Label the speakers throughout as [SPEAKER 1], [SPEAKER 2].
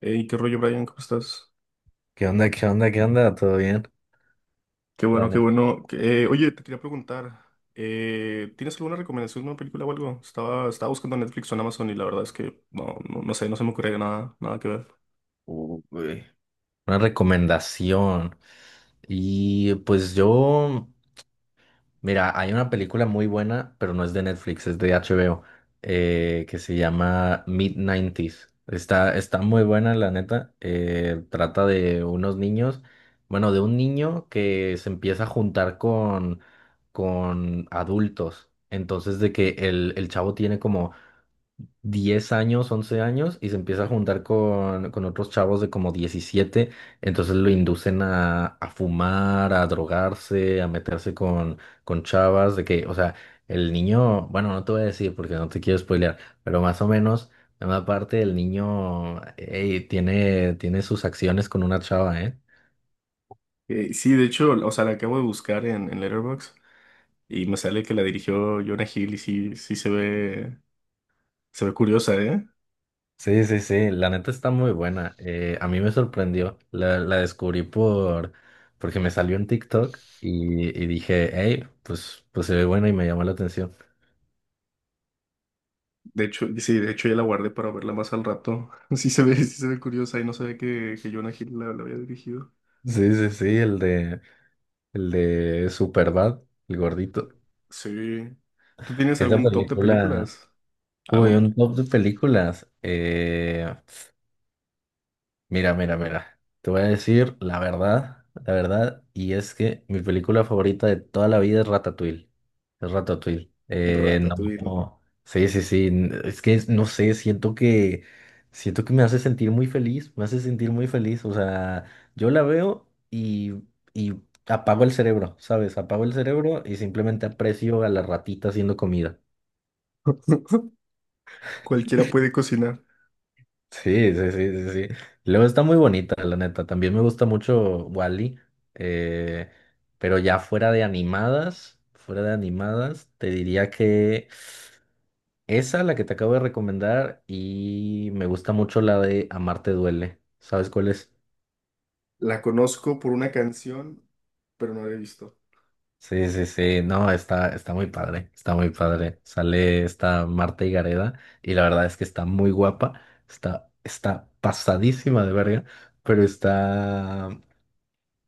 [SPEAKER 1] Hey, qué rollo, Brian, ¿cómo estás?
[SPEAKER 2] ¿Qué onda? ¿Qué onda? ¿Qué onda? ¿Todo bien?
[SPEAKER 1] Qué
[SPEAKER 2] La
[SPEAKER 1] bueno, qué
[SPEAKER 2] neta.
[SPEAKER 1] bueno. Oye, te quería preguntar, ¿tienes alguna recomendación de una película o algo? Estaba buscando en Netflix o en Amazon y la verdad es que no sé, no se me ocurre nada que ver.
[SPEAKER 2] Uy. Una recomendación. Y pues mira, hay una película muy buena, pero no es de Netflix, es de HBO, que se llama mid 90. Está muy buena, la neta. Trata de unos niños, bueno, de un niño que se empieza a juntar con adultos. Entonces, de que el chavo tiene como 10 años, 11 años, y se empieza a juntar con otros chavos de como 17. Entonces lo inducen a fumar, a drogarse, a meterse con chavas. De que, o sea, el niño, bueno, no te voy a decir porque no te quiero spoilear, pero más o menos, en una parte el niño tiene, tiene sus acciones con una chava, ¿eh?
[SPEAKER 1] Sí, de hecho, o sea, la acabo de buscar en Letterboxd y me sale que la dirigió Jonah Hill y sí se ve curiosa, ¿eh?
[SPEAKER 2] Sí, sí, sí, la neta está muy buena. A mí me sorprendió, la descubrí porque me salió en TikTok y dije, hey, pues, pues se ve buena y me llamó la atención.
[SPEAKER 1] De hecho, sí, de hecho ya la guardé para verla más al rato. Sí se ve curiosa y no sabía que Jonah Hill la había dirigido.
[SPEAKER 2] Sí, sí, sí, el de Superbad, el gordito.
[SPEAKER 1] Sí. ¿Tú tienes
[SPEAKER 2] Esa
[SPEAKER 1] algún top de
[SPEAKER 2] película,
[SPEAKER 1] películas? Ah,
[SPEAKER 2] uy,
[SPEAKER 1] bueno.
[SPEAKER 2] un top de películas. Mira, mira, mira. Te voy a decir la verdad, y es que mi película favorita de toda la vida es Ratatouille. Es Ratatouille.
[SPEAKER 1] Ratatouille, ¿no?
[SPEAKER 2] No, sí, sí, sí. Es que no sé, siento que me hace sentir muy feliz, me hace sentir muy feliz. O sea, yo la veo y apago el cerebro, ¿sabes? Apago el cerebro y simplemente aprecio a la ratita haciendo comida.
[SPEAKER 1] Cualquiera puede cocinar.
[SPEAKER 2] Sí, sí, sí, sí, sí. Luego está muy bonita, la neta. También me gusta mucho Wally, pero ya fuera de animadas, te diría que esa, la que te acabo de recomendar, y me gusta mucho la de Amarte duele. ¿Sabes cuál es?
[SPEAKER 1] La conozco por una canción, pero no la he visto.
[SPEAKER 2] Sí, sí, sí. No, está, está muy padre, está muy padre. Sale esta Marta Higareda y la verdad es que está muy guapa, está pasadísima de verga, pero está.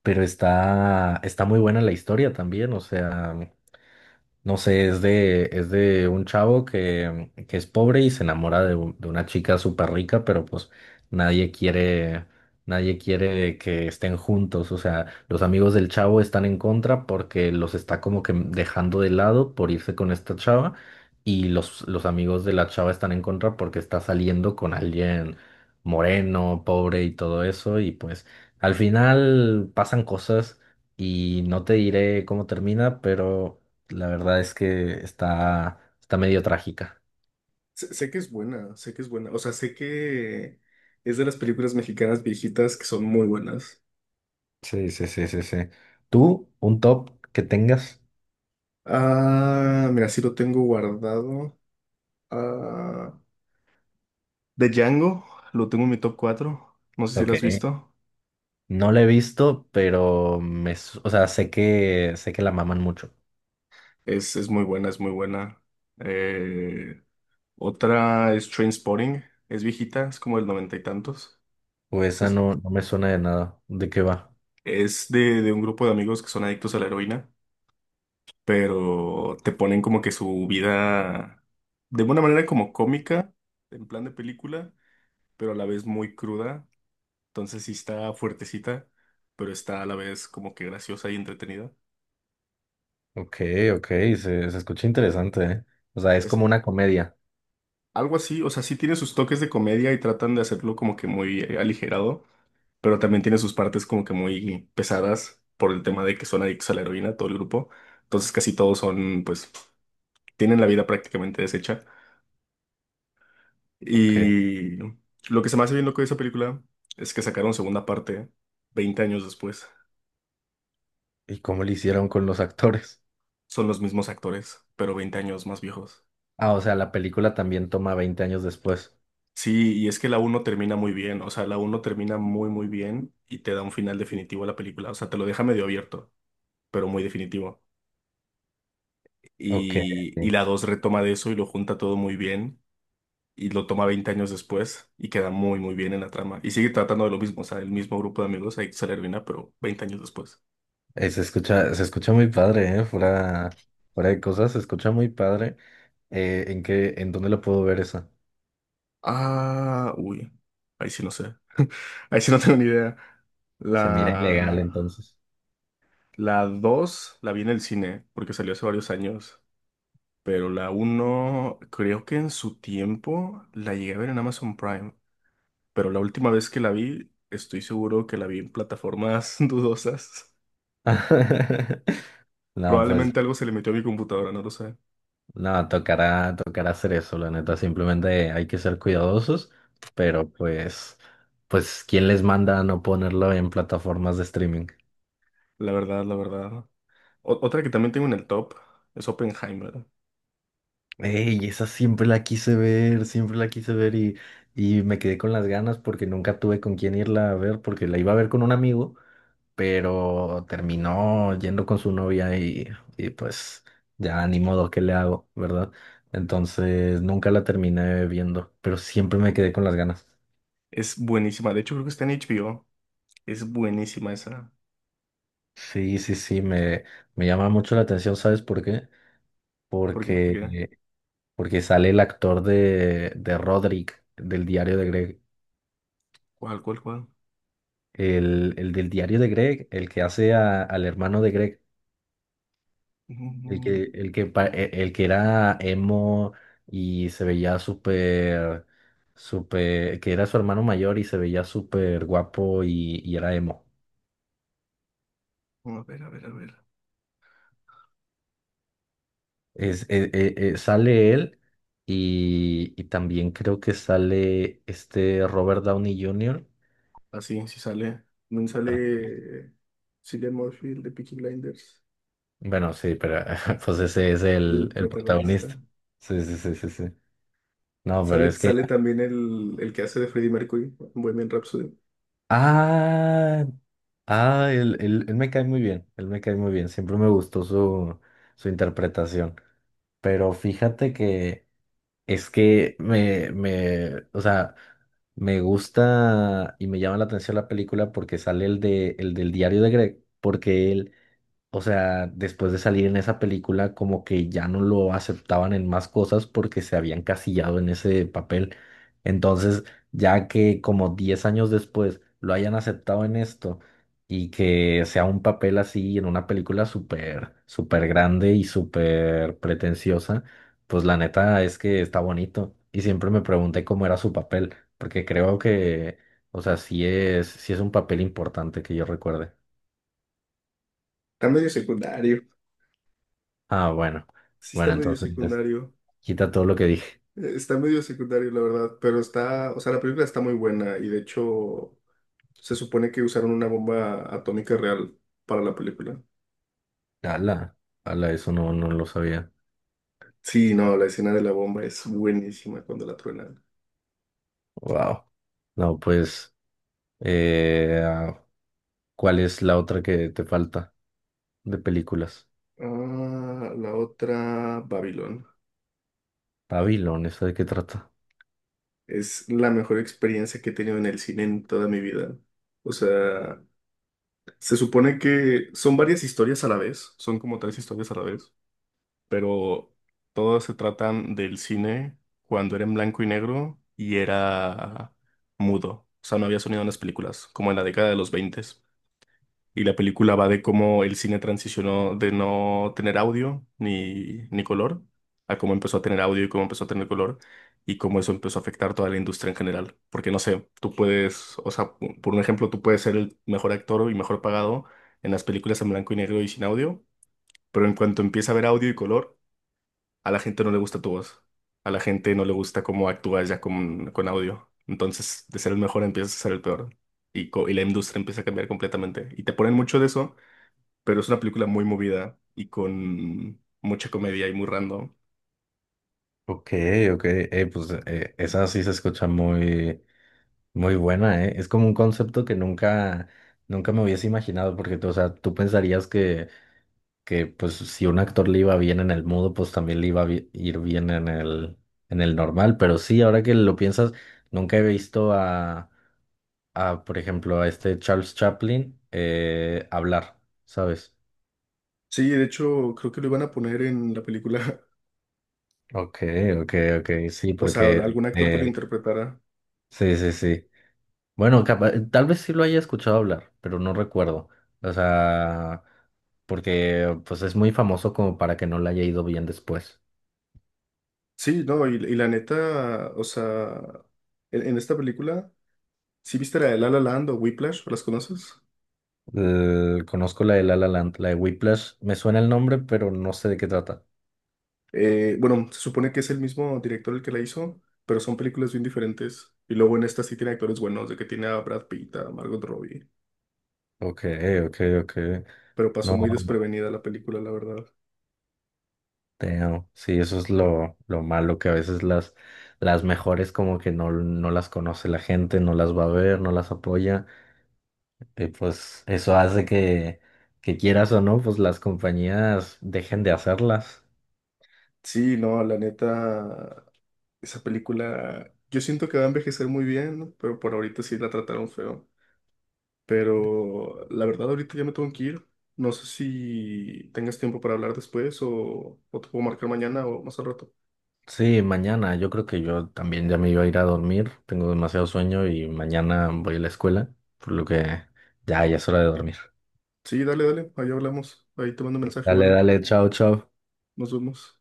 [SPEAKER 2] pero está muy buena la historia también. O sea, no sé, es de un chavo que es pobre y se enamora de una chica súper rica, pero pues nadie quiere, nadie quiere que estén juntos. O sea, los amigos del chavo están en contra porque los está como que dejando de lado por irse con esta chava, y los amigos de la chava están en contra porque está saliendo con alguien moreno, pobre y todo eso. Y pues al final pasan cosas y no te diré cómo termina, pero... la verdad es que está medio trágica.
[SPEAKER 1] Sé que es buena, sé que es buena. O sea, sé que es de las películas mexicanas viejitas que son muy buenas.
[SPEAKER 2] Sí, sí, sí, sí, sí. ¿Tú un top que tengas?
[SPEAKER 1] Ah, mira, sí lo tengo guardado. Ah, de Django, lo tengo en mi top 4. No sé si lo
[SPEAKER 2] Ok.
[SPEAKER 1] has visto.
[SPEAKER 2] No la he visto, pero me, o sea, sé que la maman mucho.
[SPEAKER 1] Es muy buena, es muy buena. Eh, Otra es Trainspotting. Es viejita, es como del noventa y tantos.
[SPEAKER 2] O
[SPEAKER 1] Esa
[SPEAKER 2] esa
[SPEAKER 1] es,
[SPEAKER 2] no me suena de nada. ¿De qué va?
[SPEAKER 1] Es de un grupo de amigos que son adictos a la heroína, pero te ponen como que su vida de una manera como cómica, en plan de película, pero a la vez muy cruda. Entonces sí está fuertecita, pero está a la vez como que graciosa y entretenida.
[SPEAKER 2] Ok, ok, se escucha interesante, ¿eh? O sea, es
[SPEAKER 1] Es
[SPEAKER 2] como una comedia.
[SPEAKER 1] algo así, o sea, sí tiene sus toques de comedia y tratan de hacerlo como que muy aligerado, pero también tiene sus partes como que muy pesadas por el tema de que son adictos a la heroína, todo el grupo. Entonces casi todos son, pues, tienen la vida prácticamente deshecha.
[SPEAKER 2] Ok.
[SPEAKER 1] Y lo que se me hace bien loco de esa película es que sacaron segunda parte 20 años después.
[SPEAKER 2] ¿Y cómo le hicieron con los actores?
[SPEAKER 1] Son los mismos actores, pero veinte años más viejos.
[SPEAKER 2] Ah, o sea, la película también toma 20 años después.
[SPEAKER 1] Sí, y es que la uno termina muy bien, o sea, la uno termina muy bien y te da un final definitivo a la película, o sea, te lo deja medio abierto, pero muy definitivo.
[SPEAKER 2] Ok.
[SPEAKER 1] Y la 2 retoma de eso y lo junta todo muy bien y lo toma 20 años después y queda muy bien en la trama. Y sigue tratando de lo mismo, o sea, el mismo grupo de amigos, ahí se termina, pero 20 años después.
[SPEAKER 2] Se escucha, se escucha muy padre, ¿eh? Fuera, fuera de cosas, se escucha muy padre. ¿En qué, en dónde lo puedo ver eso?
[SPEAKER 1] Ah, uy. Ahí sí no sé. Ahí sí no tengo ni idea.
[SPEAKER 2] Se mira ilegal
[SPEAKER 1] La,
[SPEAKER 2] entonces.
[SPEAKER 1] la 2 la vi en el cine porque salió hace varios años. Pero la uno creo que en su tiempo la llegué a ver en Amazon Prime. Pero la última vez que la vi, estoy seguro que la vi en plataformas dudosas.
[SPEAKER 2] No, pues,
[SPEAKER 1] Probablemente algo se le metió a mi computadora, no lo sé.
[SPEAKER 2] no, tocará, tocará hacer eso, la neta. Simplemente hay que ser cuidadosos, pero pues, pues, ¿quién les manda a no ponerlo en plataformas de streaming?
[SPEAKER 1] La verdad, la verdad. Otra que también tengo en el top es Oppenheimer.
[SPEAKER 2] Ey, esa siempre la quise ver, siempre la quise ver y me quedé con las ganas porque nunca tuve con quién irla a ver, porque la iba a ver con un amigo, pero terminó yendo con su novia, y pues ya ni modo, ¿qué le hago, verdad? Entonces nunca la terminé viendo, pero siempre me quedé con las ganas.
[SPEAKER 1] Es buenísima. De hecho, creo que está en HBO. Es buenísima esa.
[SPEAKER 2] Sí, sí, sí, me llama mucho la atención, ¿sabes por qué?
[SPEAKER 1] Porque, porque,
[SPEAKER 2] Porque, porque sale el actor de Roderick, del diario de Greg,
[SPEAKER 1] ¿Cuál, cuál?
[SPEAKER 2] el del diario de Greg, el que hace al hermano de Greg. El
[SPEAKER 1] Mm,
[SPEAKER 2] que, el que, pa- e- el que era emo y se veía súper, súper, que era su hermano mayor y se veía súper guapo, y era emo.
[SPEAKER 1] a ver, a ver.
[SPEAKER 2] Es, e- e- e- Sale él, y también creo que sale este Robert Downey Jr.
[SPEAKER 1] Así, si sale. También
[SPEAKER 2] Ah,
[SPEAKER 1] sale Cillian Murphy, el de Peaky Blinders,
[SPEAKER 2] bueno, sí, pero pues ese es
[SPEAKER 1] el
[SPEAKER 2] el
[SPEAKER 1] protagonista.
[SPEAKER 2] protagonista. Sí, sí, sí, sí, sí. No, pero es que...
[SPEAKER 1] Sale también el que hace de Freddie Mercury, en Bohemian Rhapsody.
[SPEAKER 2] Ah, ah, él me cae muy bien, él me cae muy bien, siempre me gustó su, su interpretación, pero fíjate que es que o sea, me gusta y me llama la atención la película porque sale el de, el del diario de Greg. Porque él, o sea, después de salir en esa película, como que ya no lo aceptaban en más cosas porque se habían casillado en ese papel. Entonces, ya que como 10 años después lo hayan aceptado en esto, y que sea un papel así en una película súper, súper grande y súper pretenciosa, pues la neta es que está bonito. Y siempre me pregunté cómo era su papel, porque creo que, o sea, sí es un papel importante que yo recuerde.
[SPEAKER 1] Está medio secundario.
[SPEAKER 2] Ah, bueno.
[SPEAKER 1] Sí, está
[SPEAKER 2] Bueno,
[SPEAKER 1] medio
[SPEAKER 2] entonces pues,
[SPEAKER 1] secundario.
[SPEAKER 2] quita todo lo que dije.
[SPEAKER 1] Está medio secundario, la verdad. Pero está, o sea, la película está muy buena. Y de hecho, se supone que usaron una bomba atómica real para la película.
[SPEAKER 2] Ala, ala, eso no, no lo sabía.
[SPEAKER 1] Sí, no, la escena de la bomba es buenísima cuando la truena.
[SPEAKER 2] Wow. No, pues, ah, ¿cuál es la otra que te falta de películas?
[SPEAKER 1] Ah, la otra, Babylon.
[SPEAKER 2] Babylon, ¿esa de qué trata?
[SPEAKER 1] Es la mejor experiencia que he tenido en el cine en toda mi vida. O sea, se supone que son varias historias a la vez, son como tres historias a la vez, pero todas se tratan del cine cuando era en blanco y negro y era mudo. O sea, no había sonido en las películas, como en la década de los 20. Y la película va de cómo el cine transicionó de no tener audio ni color a cómo empezó a tener audio y cómo empezó a tener color y cómo eso empezó a afectar toda la industria en general. Porque no sé, tú puedes, o sea, por un ejemplo, tú puedes ser el mejor actor y mejor pagado en las películas en blanco y negro y sin audio, pero en cuanto empieza a haber audio y color, a la gente no le gusta tu voz. A la gente no le gusta cómo actúas ya con audio. Entonces, de ser el mejor empiezas a ser el peor y la industria empieza a cambiar completamente. Y te ponen mucho de eso, pero es una película muy movida y con mucha comedia y muy random.
[SPEAKER 2] Ok, ok. Pues esa sí se escucha muy, muy buena, ¿eh? Es como un concepto que nunca, nunca me hubiese imaginado, porque, tú, o sea, tú pensarías que pues si un actor le iba bien en el mudo, pues también le iba a ir bien en el normal. Pero sí, ahora que lo piensas, nunca he visto a por ejemplo, a este Charles Chaplin hablar, ¿sabes?
[SPEAKER 1] Sí, de hecho, creo que lo iban a poner en la película,
[SPEAKER 2] Ok, ok, ok, sí,
[SPEAKER 1] o sea,
[SPEAKER 2] porque
[SPEAKER 1] algún actor que lo interpretara.
[SPEAKER 2] sí, sí, sí. Bueno, tal vez sí lo haya escuchado hablar, pero no recuerdo. O sea, porque pues es muy famoso como para que no le haya ido bien después.
[SPEAKER 1] Sí, no, y la neta, o sea, en esta película, ¿sí viste la de La La Land o Whiplash? ¿Las conoces?
[SPEAKER 2] Conozco la de La La Land, la de Whiplash. Me suena el nombre, pero no sé de qué trata.
[SPEAKER 1] Bueno, se supone que es el mismo director el que la hizo, pero son películas bien diferentes. Y luego en esta sí tiene actores buenos, de que tiene a Brad Pitt, a Margot Robbie,
[SPEAKER 2] Ok, ok, ok.
[SPEAKER 1] pero pasó
[SPEAKER 2] No,
[SPEAKER 1] muy desprevenida la película, la verdad.
[SPEAKER 2] damn. Sí, eso es lo malo, que a veces las mejores como que no las conoce la gente, no las va a ver, no las apoya. Y pues eso hace que quieras o no, pues las compañías dejen de hacerlas.
[SPEAKER 1] Sí, no, la neta, esa película, yo siento que va a envejecer muy bien, ¿no? Pero por ahorita sí la trataron feo. Pero la verdad, ahorita ya me tengo que ir. No sé si tengas tiempo para hablar después o te puedo marcar mañana o más al rato.
[SPEAKER 2] Sí, mañana. Yo creo que yo también ya me iba a ir a dormir. Tengo demasiado sueño y mañana voy a la escuela, por lo que ya es hora de dormir.
[SPEAKER 1] Sí, dale, dale, ahí hablamos. Ahí te mando un mensaje o
[SPEAKER 2] Dale,
[SPEAKER 1] algo.
[SPEAKER 2] dale, chao, chao.
[SPEAKER 1] Nos vemos.